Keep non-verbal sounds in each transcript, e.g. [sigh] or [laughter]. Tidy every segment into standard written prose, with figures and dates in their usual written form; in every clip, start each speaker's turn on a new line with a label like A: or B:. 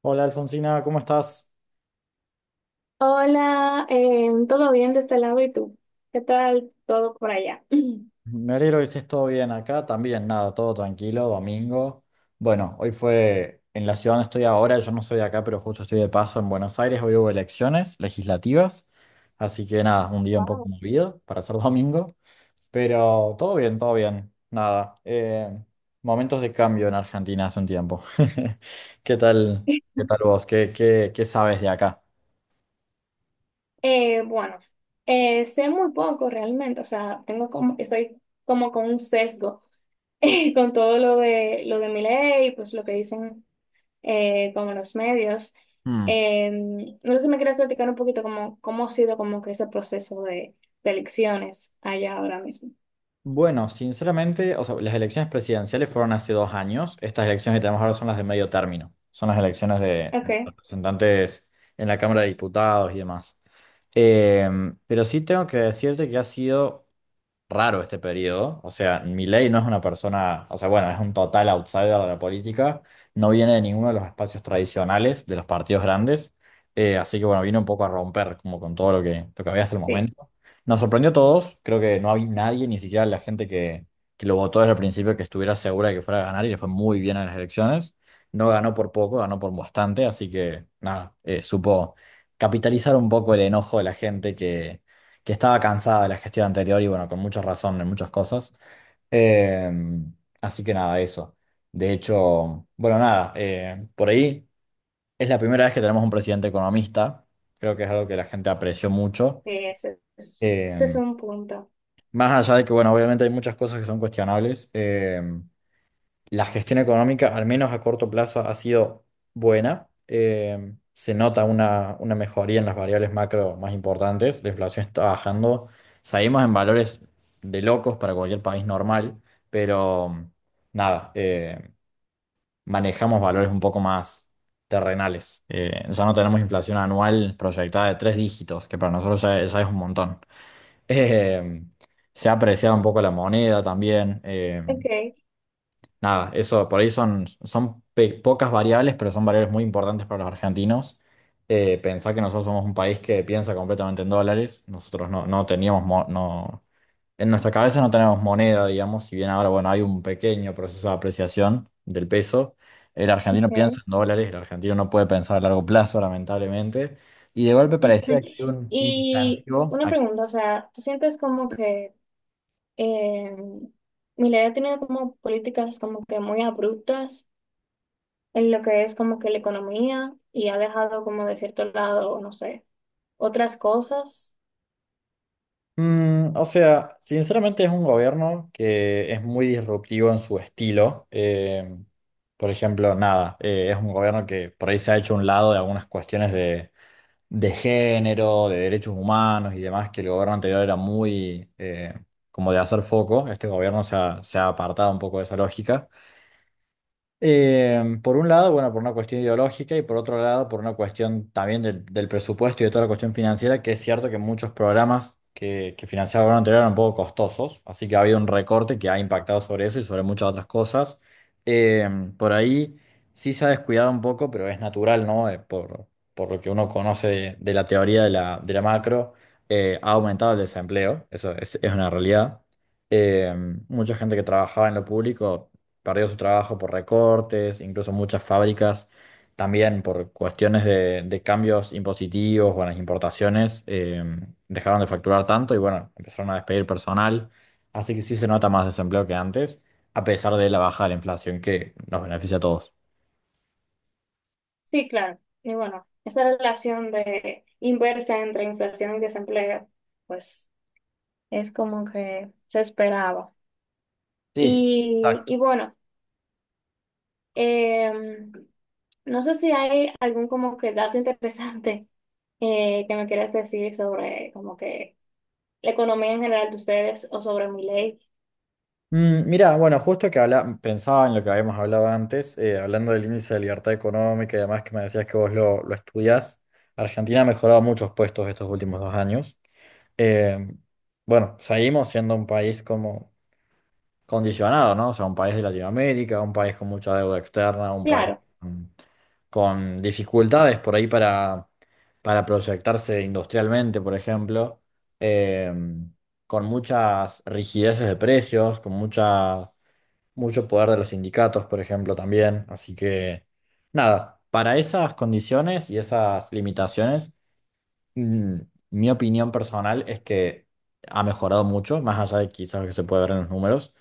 A: Hola Alfonsina, ¿cómo estás?
B: Hola, ¿todo bien de este lado y tú? ¿Qué tal todo por allá? [clears throat]
A: Me alegro que estés todo bien acá, también nada, todo tranquilo, domingo. Bueno, hoy fue en la ciudad donde estoy ahora, yo no soy de acá, pero justo estoy de paso en Buenos Aires, hoy hubo elecciones legislativas, así que nada, un día un poco
B: Wow.
A: movido para ser [laughs] domingo, pero todo bien, nada. Momentos de cambio en Argentina hace un tiempo. [laughs] ¿Qué tal, qué tal vos? ¿Qué sabes de acá?
B: Bueno, sé muy poco realmente, o sea, tengo como, estoy como con un sesgo [laughs] con todo lo de Milei, pues lo que dicen como los medios. No sé si me quieres platicar un poquito cómo ha sido como que ese proceso de elecciones allá ahora mismo.
A: Bueno, sinceramente, o sea, las elecciones presidenciales fueron hace 2 años. Estas elecciones que tenemos ahora son las de medio término. Son las elecciones de
B: Okay,
A: representantes en la Cámara de Diputados y demás. Eh, pero sí tengo que decirte que ha sido raro este periodo. O sea, Milei no es una persona, o sea, bueno, es un total outsider de la política, no viene de ninguno de los espacios tradicionales de los partidos grandes. Así que bueno, vino un poco a romper como con todo lo que había hasta el
B: sí,
A: momento. Nos sorprendió a todos, creo que no había nadie, ni siquiera la gente que lo votó desde el principio, que estuviera segura de que fuera a ganar, y le fue muy bien en las elecciones. No ganó por poco, ganó por bastante, así que nada, supo capitalizar un poco el enojo de la gente que estaba cansada de la gestión anterior y bueno, con mucha razón en muchas cosas. Eh, Así que nada, eso. De hecho, bueno, nada, por ahí es la primera vez que tenemos un presidente economista. Creo que es algo que la gente apreció mucho.
B: sí, ese es
A: Eh,
B: un punto.
A: Más allá de que, bueno, obviamente hay muchas cosas que son cuestionables. La gestión económica, al menos a corto plazo, ha sido buena. Se nota una mejoría en las variables macro más importantes. La inflación está bajando. Salimos en valores de locos para cualquier país normal, pero nada, manejamos valores un poco más terrenales. Ya no tenemos inflación anual proyectada de tres dígitos, que para nosotros ya es un montón. [laughs] Eh, Se ha apreciado un poco la moneda también.
B: Okay.
A: Nada, eso por ahí son, son pocas variables, pero son variables muy importantes para los argentinos. Pensá que nosotros somos un país que piensa completamente en dólares. Nosotros no teníamos, en nuestra cabeza no tenemos moneda, digamos, si bien ahora, bueno, hay un pequeño proceso de apreciación del peso. El argentino piensa
B: Ok.
A: en dólares, el argentino no puede pensar a largo plazo, lamentablemente. Y de golpe
B: [laughs]
A: parecía que hay un
B: Y
A: incentivo.
B: una pregunta, o sea, ¿tú sientes como que eh, Milei ha tenido como políticas como que muy abruptas en lo que es como que la economía y ha dejado como de cierto lado, no sé, otras cosas?
A: O sea, sinceramente es un gobierno que es muy disruptivo en su estilo. Por ejemplo, nada, es un gobierno que por ahí se ha hecho a un lado de algunas cuestiones de género, de derechos humanos y demás, que el gobierno anterior era muy, como de hacer foco. Este gobierno se ha apartado un poco de esa lógica. Por un lado, bueno, por una cuestión ideológica y por otro lado, por una cuestión también del, del presupuesto y de toda la cuestión financiera, que es cierto que muchos programas que financiaba el gobierno anterior eran un poco costosos, así que ha habido un recorte que ha impactado sobre eso y sobre muchas otras cosas. Eh, por ahí sí se ha descuidado un poco, pero es natural, ¿no? Por lo que uno conoce de la teoría de la macro, ha aumentado el desempleo, eso es una realidad. Eh, Mucha gente que trabajaba en lo público perdió su trabajo por recortes, incluso muchas fábricas también por cuestiones de cambios impositivos o en las importaciones, dejaron de facturar tanto y bueno, empezaron a despedir personal. Así que sí se nota más desempleo que antes, a pesar de la baja de la inflación que nos beneficia a todos.
B: Sí, claro. Y bueno, esa relación de inversa entre inflación y desempleo, pues es como que se esperaba.
A: Sí,
B: Y,
A: exacto.
B: y bueno, em, no sé si hay algún como que dato interesante que me quieras decir sobre como que la economía en general de ustedes o sobre mi ley.
A: Mira, bueno, justo que habla, pensaba en lo que habíamos hablado antes, hablando del índice de libertad económica, y además que me decías que vos lo estudiás. Argentina ha mejorado muchos puestos estos últimos 2 años. Eh, bueno, seguimos siendo un país como condicionado, ¿no? O sea, un país de Latinoamérica, un país con mucha deuda externa, un país
B: Claro,
A: con, con dificultades por ahí para proyectarse industrialmente, por ejemplo, eh, con muchas rigideces de precios, con mucha, mucho poder de los sindicatos, por ejemplo, también. Así que, nada, para esas condiciones y esas limitaciones. Mm, Mi opinión personal es que ha mejorado mucho, más allá de quizás lo que se puede ver en los números.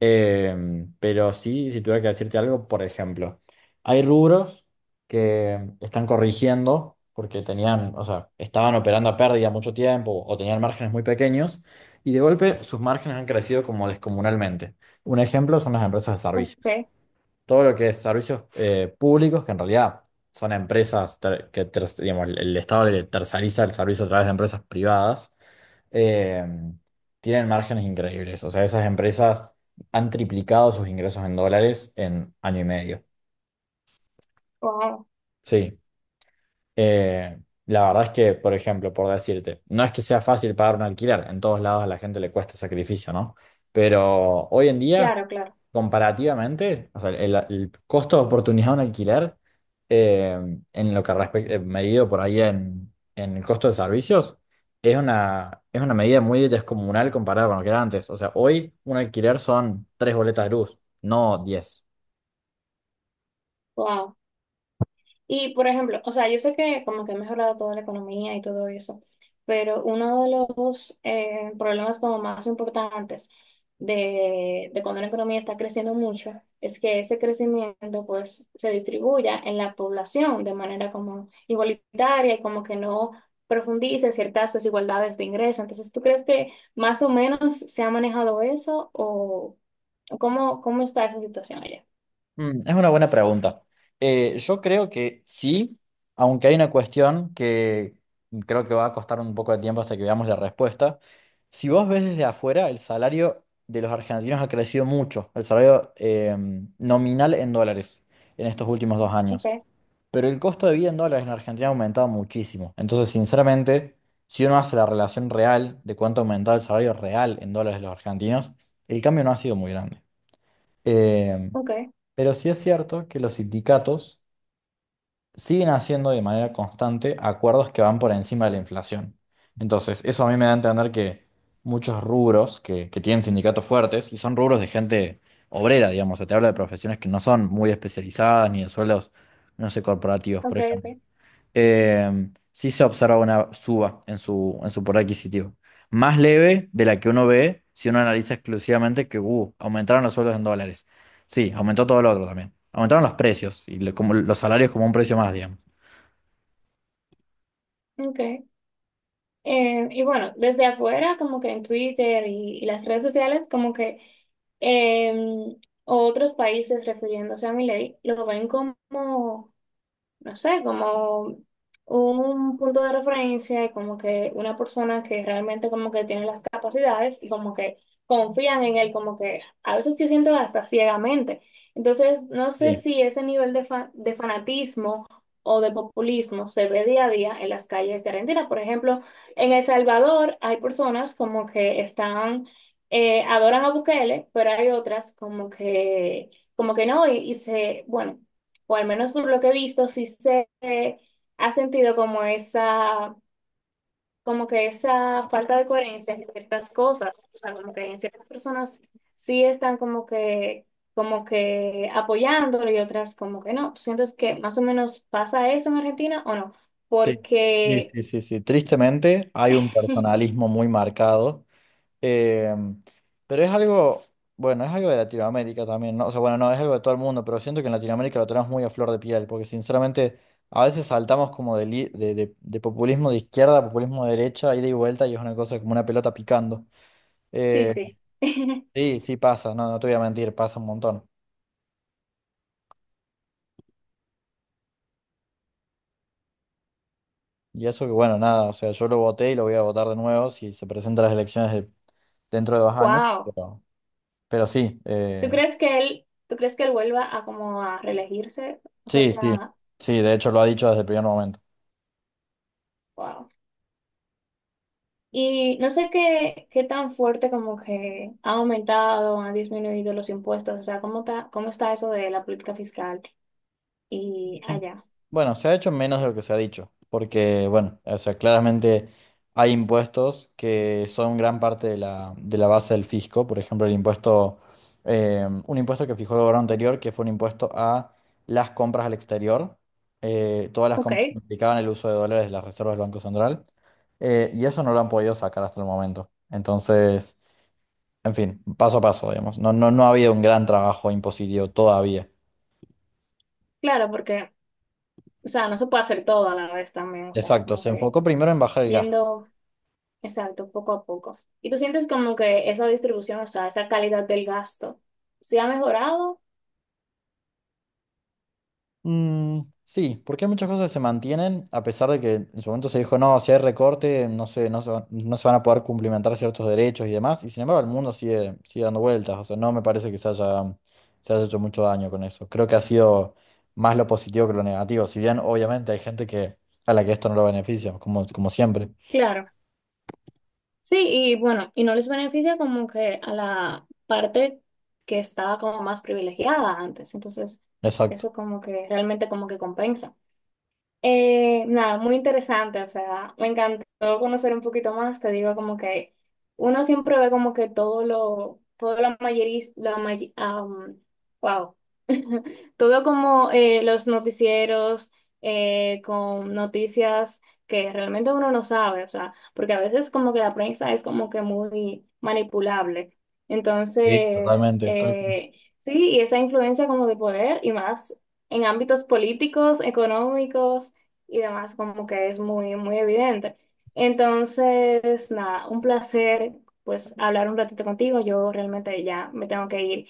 A: Pero sí, si tuviera que decirte algo, por ejemplo, hay rubros que están corrigiendo porque tenían, o sea, estaban operando a pérdida mucho tiempo, o tenían márgenes muy pequeños y de golpe sus márgenes han crecido como descomunalmente. Un ejemplo son las empresas de
B: ok,
A: servicios, todo lo que es servicios públicos, que en realidad son empresas digamos, el Estado le terceriza el servicio a través de empresas privadas, eh, tienen márgenes increíbles. O sea, esas empresas han triplicado sus ingresos en dólares en año y medio.
B: wow,
A: Sí. Eh, la verdad es que, por ejemplo, por decirte, no es que sea fácil pagar un alquiler, en todos lados a la gente le cuesta sacrificio, ¿no? Pero hoy en día,
B: claro, claro,
A: comparativamente, o sea, el costo de oportunidad de un alquiler, eh, en lo que respecta, medido por ahí en el costo de servicios, es una medida muy descomunal comparada con lo que era antes. O sea, hoy un alquiler son tres boletas de luz, no 10.
B: wow. Y, por ejemplo, o sea, yo sé que como que ha mejorado toda la economía y todo eso, pero uno de los problemas como más importantes de, cuando la economía está creciendo mucho es que ese crecimiento pues se distribuya en la población de manera como igualitaria y como que no profundice ciertas desigualdades de ingreso. Entonces, ¿tú crees que más o menos se ha manejado eso o cómo está esa situación allá?
A: Es una buena pregunta. Yo creo que sí, aunque hay una cuestión que creo que va a costar un poco de tiempo hasta que veamos la respuesta. Si vos ves desde afuera, el salario de los argentinos ha crecido mucho, el salario nominal en dólares en estos últimos 2 años.
B: Okay,
A: Pero el costo de vida en dólares en Argentina ha aumentado muchísimo. Entonces, sinceramente, si uno hace la relación real de cuánto ha aumentado el salario real en dólares de los argentinos, el cambio no ha sido muy grande. Eh,
B: okay,
A: pero sí es cierto que los sindicatos siguen haciendo de manera constante acuerdos que van por encima de la inflación. Entonces, eso a mí me da a entender que muchos rubros que tienen sindicatos fuertes, y son rubros de gente obrera, digamos, se te habla de profesiones que no son muy especializadas ni de sueldos, no sé, corporativos, por
B: okay,
A: ejemplo,
B: okay,
A: eh, sí se observa una suba en su poder adquisitivo. Más leve de la que uno ve si uno analiza exclusivamente que aumentaron los sueldos en dólares. Sí, aumentó todo lo otro también. Aumentaron los precios y lo- como, los salarios como un precio más, digamos.
B: ok. Y bueno, desde afuera, como que en Twitter y las redes sociales, como que eh, otros países refiriéndose a mi ley, lo ven como no sé, como un punto de referencia y como que una persona que realmente como que tiene las capacidades y como que confían en él, como que a veces yo siento hasta ciegamente. Entonces, no sé
A: Sí,
B: si ese nivel de fanatismo o de populismo se ve día a día en las calles de Argentina. Por ejemplo, en El Salvador hay personas como que están, adoran a Bukele, pero hay otras como que no, y se, bueno, o al menos por lo que he visto, sí se ha sentido como esa, como que esa falta de coherencia en ciertas cosas, o sea, como que en ciertas personas sí están como que apoyándolo y otras como que no. ¿Tú sientes que más o menos pasa eso en Argentina o no?
A: sí, sí,
B: Porque,
A: sí, sí. Sí. Tristemente hay un
B: [laughs]
A: personalismo muy marcado. Eh, pero es algo, bueno, es algo de Latinoamérica también, ¿no? O sea, bueno, no, es algo de todo el mundo, pero siento que en Latinoamérica lo tenemos muy a flor de piel, porque sinceramente a veces saltamos como de populismo de izquierda a populismo de derecha, ida y vuelta, y es una cosa como una pelota picando.
B: sí,
A: Eh,
B: sí. [laughs]
A: sí, sí pasa, no, no te voy a mentir, pasa un montón. Y eso que, bueno, nada, o sea, yo lo voté y lo voy a votar de nuevo si se presentan las elecciones dentro de 2 años,
B: Wow.
A: pero sí,
B: ¿Tú crees que él, tú crees que él vuelva a como a reelegirse? O
A: sí, sí,
B: sea,
A: sí, de hecho lo ha dicho desde el primer momento.
B: wow. Y no sé qué tan fuerte como que ha aumentado, han disminuido los impuestos, o sea, cómo está eso de la política fiscal y
A: Mm.
B: allá.
A: Bueno, se ha hecho menos de lo que se ha dicho, porque, bueno, o sea, claramente hay impuestos que son gran parte de de la base del fisco, por ejemplo, el impuesto, un impuesto que fijó el gobierno anterior, que fue un impuesto a las compras al exterior, todas las
B: Ok,
A: compras que implicaban el uso de dólares de las reservas del Banco Central, y eso no lo han podido sacar hasta el momento. Entonces, en fin, paso a paso, digamos, no ha habido un gran trabajo impositivo todavía.
B: claro, porque, o sea, no se puede hacer todo a la vez también, o sea,
A: Exacto,
B: como
A: se
B: que
A: enfocó primero en bajar el gasto.
B: yendo, exacto, poco a poco. ¿Y tú sientes como que esa distribución, o sea, esa calidad del gasto, se ha mejorado?
A: Sí, porque muchas cosas que se mantienen, a pesar de que en su momento se dijo, no, si hay recorte, no sé, no se van a poder cumplimentar ciertos derechos y demás, y sin embargo el mundo sigue dando vueltas, o sea, no me parece que se haya hecho mucho daño con eso. Creo que ha sido más lo positivo que lo negativo, si bien obviamente hay gente que, a la que esto no lo beneficia, como, como siempre.
B: Claro. Sí, y bueno, y no les beneficia como que a la parte que estaba como más privilegiada antes. Entonces,
A: Exacto.
B: eso como que realmente como que compensa. Nada, muy interesante, o sea, me encantó conocer un poquito más, te digo como que uno siempre ve como que todo lo, todo la mayoría, la may- am, wow, [laughs] todo como los noticieros con noticias que realmente uno no sabe, o sea, porque a veces como que la prensa es como que muy manipulable,
A: Sí,
B: entonces,
A: totalmente. Tal cual.
B: sí, y esa influencia como de poder y más en ámbitos políticos, económicos y demás, como que es muy, muy evidente. Entonces, nada, un placer pues hablar un ratito contigo. Yo realmente ya me tengo que ir,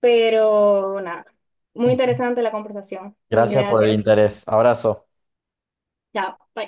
B: pero nada, muy interesante la conversación.
A: Gracias por el
B: Gracias.
A: interés. Abrazo.
B: Chao. Bye.